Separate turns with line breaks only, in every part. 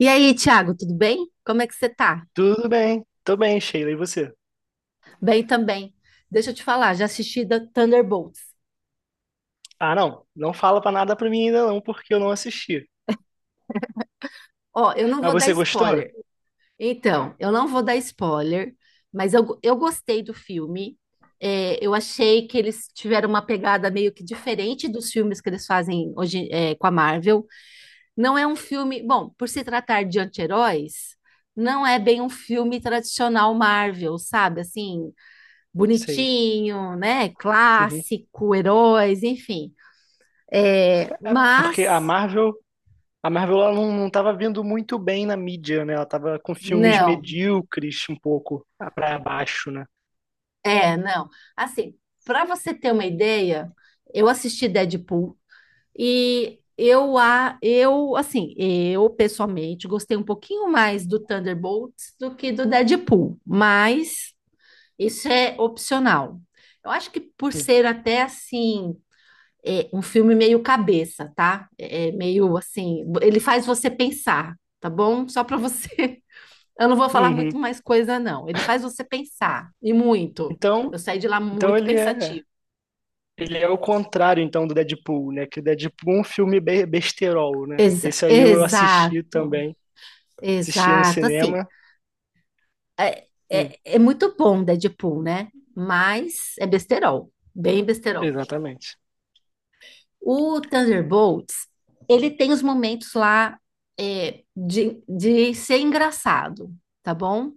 E aí, Thiago, tudo bem? Como é que você tá?
Tudo bem, tô bem, Sheila, e você?
Bem também. Deixa eu te falar, já assisti da Thunderbolts.
Ah, não, não fala pra nada pra mim ainda não, porque eu não assisti.
Ó, eu não
Mas
vou dar
você gostou?
spoiler. Então, eu não vou dar spoiler, mas eu gostei do filme. Eu achei que eles tiveram uma pegada meio que diferente dos filmes que eles fazem hoje, com a Marvel. Não é um filme. Bom, por se tratar de anti-heróis, não é bem um filme tradicional Marvel, sabe? Assim,
Sei.
bonitinho, né?
Uhum.
Clássico, heróis, enfim. É,
Porque a
mas
Marvel, a Marvel ela não tava vindo muito bem na mídia, né? Ela tava com filmes
Não.
medíocres um pouco pra baixo, né?
Não. Assim, para você ter uma ideia, eu assisti Deadpool e eu assim, eu pessoalmente gostei um pouquinho mais do Thunderbolts do que do Deadpool, mas isso é opcional. Eu acho que por ser até assim, um filme meio cabeça, tá? É meio assim, ele faz você pensar, tá bom? Só para você Eu não vou falar muito
Uhum.
mais coisa, não. Ele faz você pensar, e muito.
Então,
Eu saí de lá
então
muito
ele é,
pensativo.
ele é o contrário então do Deadpool, né? Que o Deadpool é um filme be besterol, né?
Exa-
Esse aí eu assisti
exato,
também, assisti no
exato. Assim,
cinema. Hum,
é muito bom Deadpool, né? Mas é besterol, bem besterol.
exatamente.
O Thunderbolts, ele tem os momentos lá de ser engraçado, tá bom?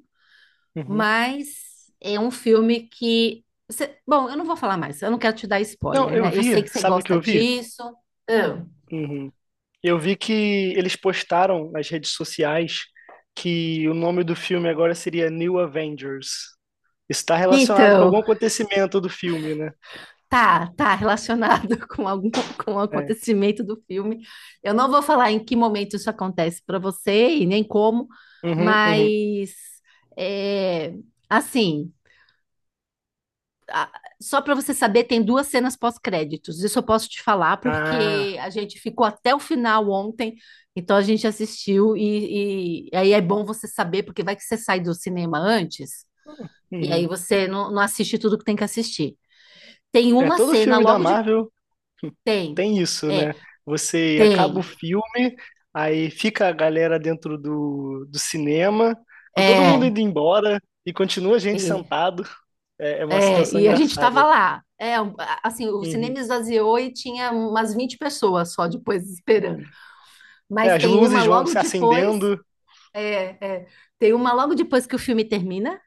Mas é um filme que. Eu não vou falar mais, eu não quero te dar
Não,
spoiler,
eu
né? Eu
vi,
sei que você
sabe o que
gosta
eu vi?
disso. Ah,
Uhum. Eu vi que eles postaram nas redes sociais que o nome do filme agora seria New Avengers. Isso está relacionado com algum
então,
acontecimento do filme, né?
tá relacionado com o acontecimento do filme. Eu não vou falar em que momento isso acontece para você e nem como,
Uhum, uhum.
mas é, assim. Só para você saber, tem 2 cenas pós-créditos. Isso eu posso te falar
Ah,
porque a gente ficou até o final ontem, então a gente assistiu e aí é bom você saber porque vai que você sai do cinema antes e aí
uhum.
você não assiste tudo que tem que assistir. Tem
É,
uma
todo
cena
filme da
logo de
Marvel
tem,
tem isso,
é,
né? Você acaba o
tem,
filme, aí fica a galera dentro do cinema, com todo mundo
é,
indo embora e continua a gente
e,
sentado. É, é uma situação
e a gente tava
engraçada.
lá. O cinema esvaziou e tinha umas 20 pessoas só depois esperando.
É,
Mas
as
tem uma
luzes vão
logo
se
depois
acendendo.
É, é. Tem uma logo depois que o filme termina,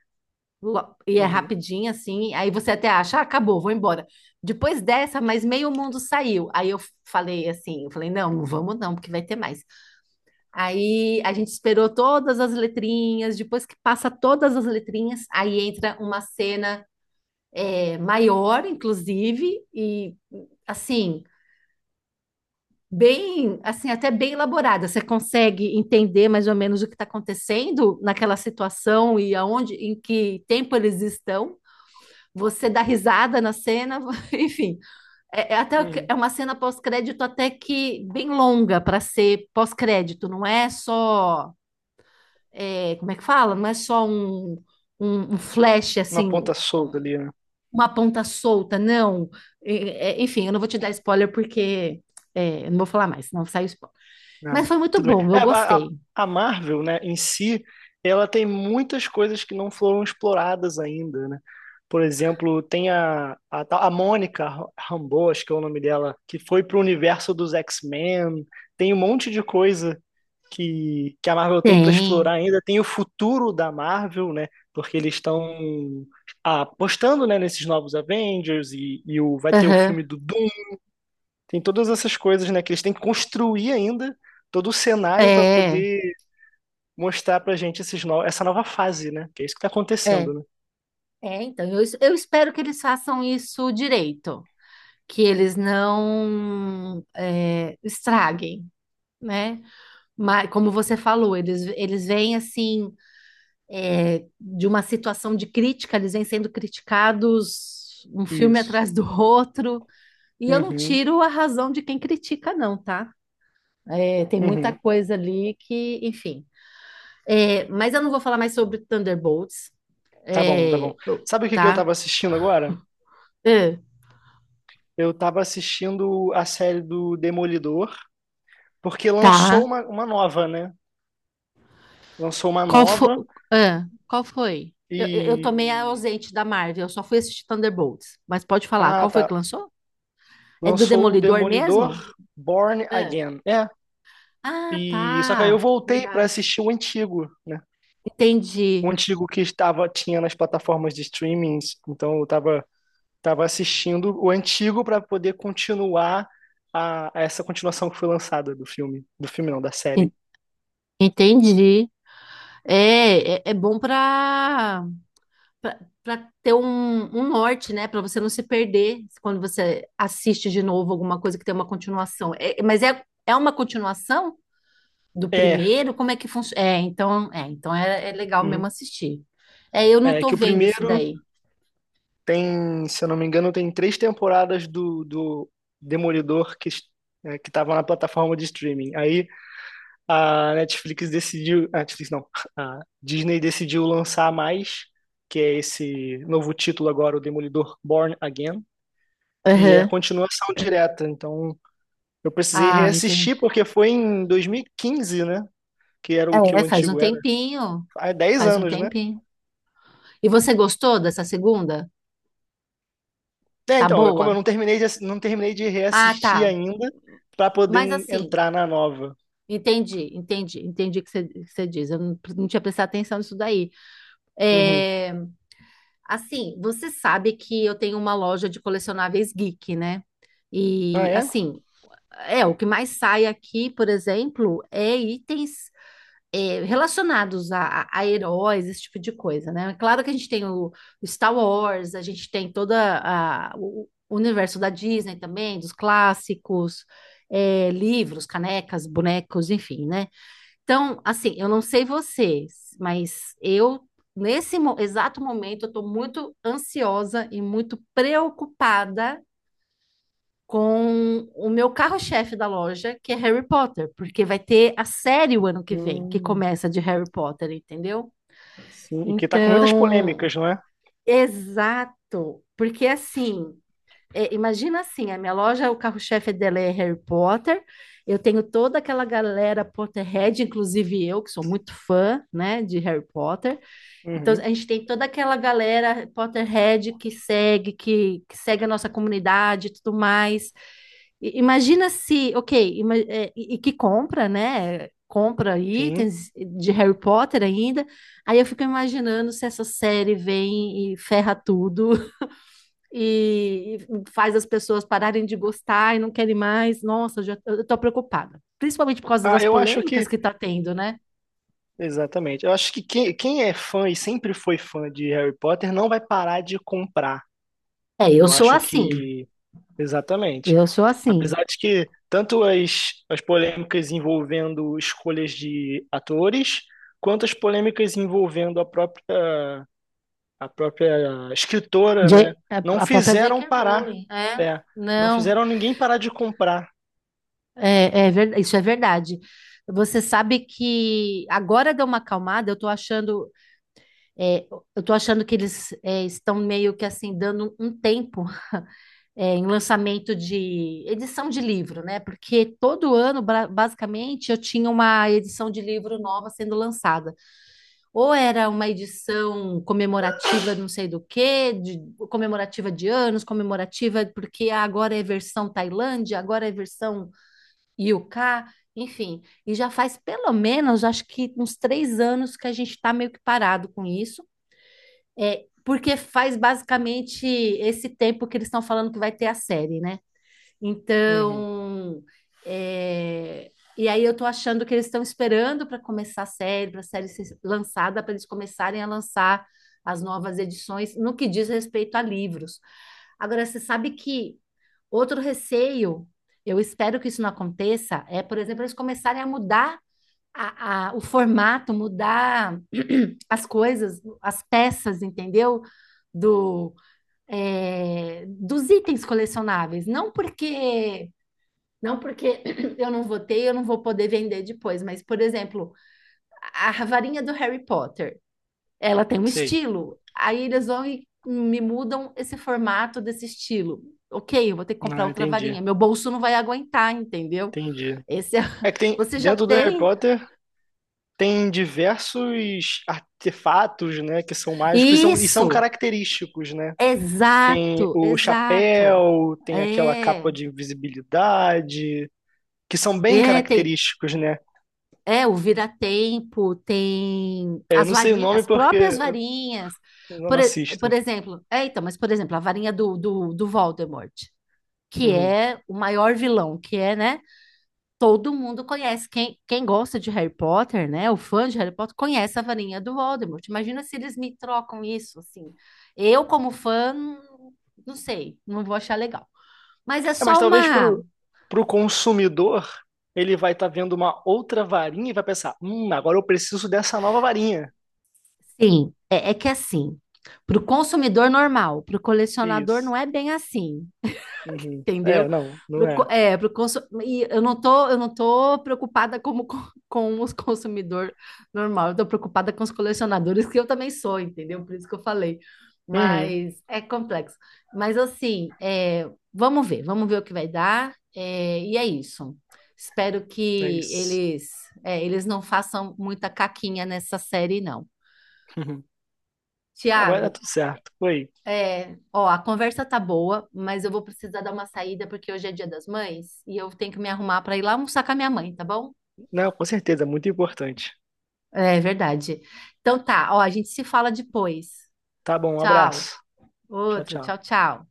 e é
Uhum,
rapidinho assim, aí você até acha, ah, acabou, vou embora. Depois dessa, mas meio mundo saiu. Aí eu Falei assim, eu falei, não, não vamos não, porque vai ter mais. Aí a gente esperou todas as letrinhas, depois que passa todas as letrinhas, aí entra uma cena maior, inclusive, e assim, bem, assim, até bem elaborada. Você consegue entender mais ou menos o que está acontecendo naquela situação e aonde, em que tempo eles estão. Você dá risada na cena, enfim.
uhum.
É uma cena pós-crédito até que bem longa para ser pós-crédito. Não é só, como é que fala? Não é só um flash
Uma
assim.
ponta solta ali, né?
Uma ponta solta, não. Enfim, eu não vou te dar spoiler porque eu não vou falar mais, senão sai spoiler.
Ah,
Mas foi muito
tudo bem.
bom,
É,
eu
a, a-
gostei.
a Marvel, né, em si, ela tem muitas coisas que não foram exploradas ainda, né? Por exemplo, tem a Mônica Rambeau, acho que é o nome dela, que foi pro universo dos X-Men. Tem um monte de coisa que a Marvel tem para
Tem.
explorar ainda. Tem o futuro da Marvel, né? Porque eles estão apostando, né, nesses novos Avengers e vai ter o filme
Aham.
do Doom. Tem todas essas coisas, né, que eles têm que construir ainda todo o cenário para
É,
poder mostrar pra gente esses no, essa nova fase, né? Que é isso que tá
é.
acontecendo, né?
É, então, eu espero que eles façam isso direito, que eles não estraguem, né? Mas, como você falou, eles vêm assim, de uma situação de crítica, eles vêm sendo criticados um filme
Isso.
atrás do outro, e eu não
Uhum,
tiro a razão de quem critica, não, tá? É, tem muita
uhum.
coisa ali que, enfim. É, mas eu não vou falar mais sobre Thunderbolts,
Tá bom, tá bom. Sabe o que que eu
tá?
tava assistindo agora?
Ah,
Eu tava assistindo a série do Demolidor, porque
tá.
lançou uma nova, né? Lançou uma
Qual foi?
nova
Qual foi? Eu eu tomei a
E.
ausente da Marvel, eu só fui assistir Thunderbolts. Mas pode falar,
Ah,
qual foi que
tá.
lançou? É do
Lançou o
Demolidor mesmo?
Demolidor Born
Ah,
Again. É.
ah,
E só que aí
tá.
eu voltei pra
Verdade.
assistir o antigo, né? O
Entendi.
antigo que estava tinha nas plataformas de streamings, então eu tava assistindo o antigo pra poder continuar a essa continuação que foi lançada do filme não, da
En-
série.
Entendi. É bom para para ter um norte, né? Para você não se perder quando você assiste de novo alguma coisa que tem uma continuação. É uma continuação do
É,
primeiro? Como é que funciona? É, então, é, então é legal mesmo
uhum.
assistir. É, eu não
É
tô
que o
vendo esse
primeiro
daí.
tem, se eu não me engano, tem três temporadas do Demolidor que estava na plataforma de streaming. Aí a Netflix decidiu, a Netflix não, a Disney decidiu lançar mais, que é esse novo título agora, o Demolidor Born Again, e é a
Aham.
continuação direta. Então, eu precisei
Ah, entendi.
reassistir porque foi em 2015, né? Que era o que o
É, faz um
antigo era.
tempinho.
Há dez
Faz um
anos, né?
tempinho. E você gostou dessa segunda?
É,
Tá
então, é como eu
boa?
não terminei de, não terminei de
Ah,
reassistir
tá.
ainda para poder
Mas
en-
assim,
entrar na nova.
entendi o que o que você diz. Eu não, não tinha prestado atenção nisso daí.
Uhum.
É, assim, você sabe que eu tenho uma loja de colecionáveis geek, né?
Ah,
E
é?
assim, é o que mais sai aqui, por exemplo, é itens relacionados a heróis, esse tipo de coisa, né? É Claro que a gente tem o Star Wars, a gente tem o universo da Disney também, dos clássicos, é, livros, canecas, bonecos, enfim, né? Então, assim, eu não sei vocês, mas eu, exato momento, eu estou muito ansiosa e muito preocupada com o meu carro-chefe da loja, que é Harry Potter, porque vai ter a série o ano que vem, que
Hum,
começa de Harry Potter, entendeu?
sim. E que tá com muitas
Então,
polêmicas, não é?
exato, porque assim imagina assim, a minha loja, o carro-chefe dela é Harry Potter. Eu tenho toda aquela galera Potterhead, inclusive eu, que sou muito fã, né, de Harry Potter. Então
Uhum.
a gente tem toda aquela galera Potterhead que segue, que segue a nossa comunidade e tudo mais. Imagina se, ok, e que compra, né? Compra
Sim.
itens de Harry Potter ainda. Aí eu fico imaginando se essa série vem e ferra tudo e faz as pessoas pararem de gostar e não querem mais. Nossa, eu tô preocupada. Principalmente por causa
Ah,
das
eu acho
polêmicas
que.
que tá tendo, né?
Exatamente. Eu acho que quem, quem é fã e sempre foi fã de Harry Potter não vai parar de comprar.
É, eu
Eu
sou
acho
assim.
que. Exatamente.
Eu sou assim.
Apesar de que tanto as polêmicas envolvendo escolhas de atores, quanto as polêmicas envolvendo a própria escritora, né?
J- a
Não
a própria
fizeram
J.K.
parar.
Rowling, é.
É, não
Não,
fizeram ninguém parar de comprar.
isso é verdade. Você sabe que agora deu uma acalmada, eu tô achando, é, eu tô achando que eles estão meio que assim, dando um tempo em lançamento de edição de livro, né? Porque todo ano, basicamente, eu tinha uma edição de livro nova sendo lançada. Ou era uma edição comemorativa, não sei do quê, de, comemorativa de anos, comemorativa porque agora é versão Tailândia, agora é versão UK, enfim. E já faz pelo menos, acho que uns 3 anos que a gente está meio que parado com isso. É, porque faz basicamente esse tempo que eles estão falando que vai ter a série, né?
Uhum,
Então, é, e aí eu tô achando que eles estão esperando para começar a série, para a série ser lançada, para eles começarem a lançar as novas edições no que diz respeito a livros. Agora, você sabe que outro receio, eu espero que isso não aconteça, por exemplo, eles começarem a mudar o formato, mudar as coisas, as peças, entendeu? Do, dos itens colecionáveis. Não porque eu não votei, eu não vou poder vender depois, mas, por exemplo, a varinha do Harry Potter, ela tem um
sei.
estilo. Aí eles vão e me mudam esse formato desse estilo. Ok, eu vou ter que comprar
Não,
outra
entendi.
varinha. Meu bolso não vai aguentar, entendeu?
Entendi.
Esse é...
É que tem,
Você já
dentro do Harry
tem.
Potter. Tem diversos artefatos, né, que são mágicos e são
Isso!
característicos, né? Tem
Exato,
o
exato.
chapéu, tem aquela capa
É,
de invisibilidade, que são bem
tem.
característicos, né?
É, o vira-tempo, tem
É, eu
as
não sei o
varinhas,
nome
as
porque
próprias
eu
varinhas.
não
Por, e- por
assisto.
exemplo, é, então, mas por exemplo, a varinha do Voldemort, que
Uhum.
é o maior vilão, que é, né? Todo mundo conhece. Quem gosta de Harry Potter, né? O fã de Harry Potter conhece a varinha do Voldemort. Imagina se eles me trocam isso, assim. Eu, como fã, não sei, não vou achar legal. Mas é
É, mas
só
talvez
uma.
pro consumidor, ele vai estar vendo uma outra varinha e vai pensar, agora eu preciso dessa nova varinha.
Sim, é que assim, para o consumidor normal, para o colecionador não
Isso.
é bem assim,
Uhum. É,
entendeu?
não, não é.
Pro consu... E eu não tô preocupada com os consumidor normal, eu tô preocupada com os colecionadores, que eu também sou, entendeu? Por isso que eu falei.
Uhum.
Mas é complexo. Mas assim, vamos ver o que vai dar. E é isso. Espero
É
que
isso.
eles, eles não façam muita caquinha nessa série, não.
Uhum. Não, mas é
Tiago,
tudo certo. Foi.
Ó, a conversa tá boa, mas eu vou precisar dar uma saída porque hoje é Dia das Mães e eu tenho que me arrumar para ir lá almoçar com a minha mãe, tá bom?
Não, com certeza, muito importante.
É verdade. Então tá, ó, a gente se fala depois.
Tá bom, um
Tchau.
abraço. Tchau,
Outro, tchau,
tchau.
tchau.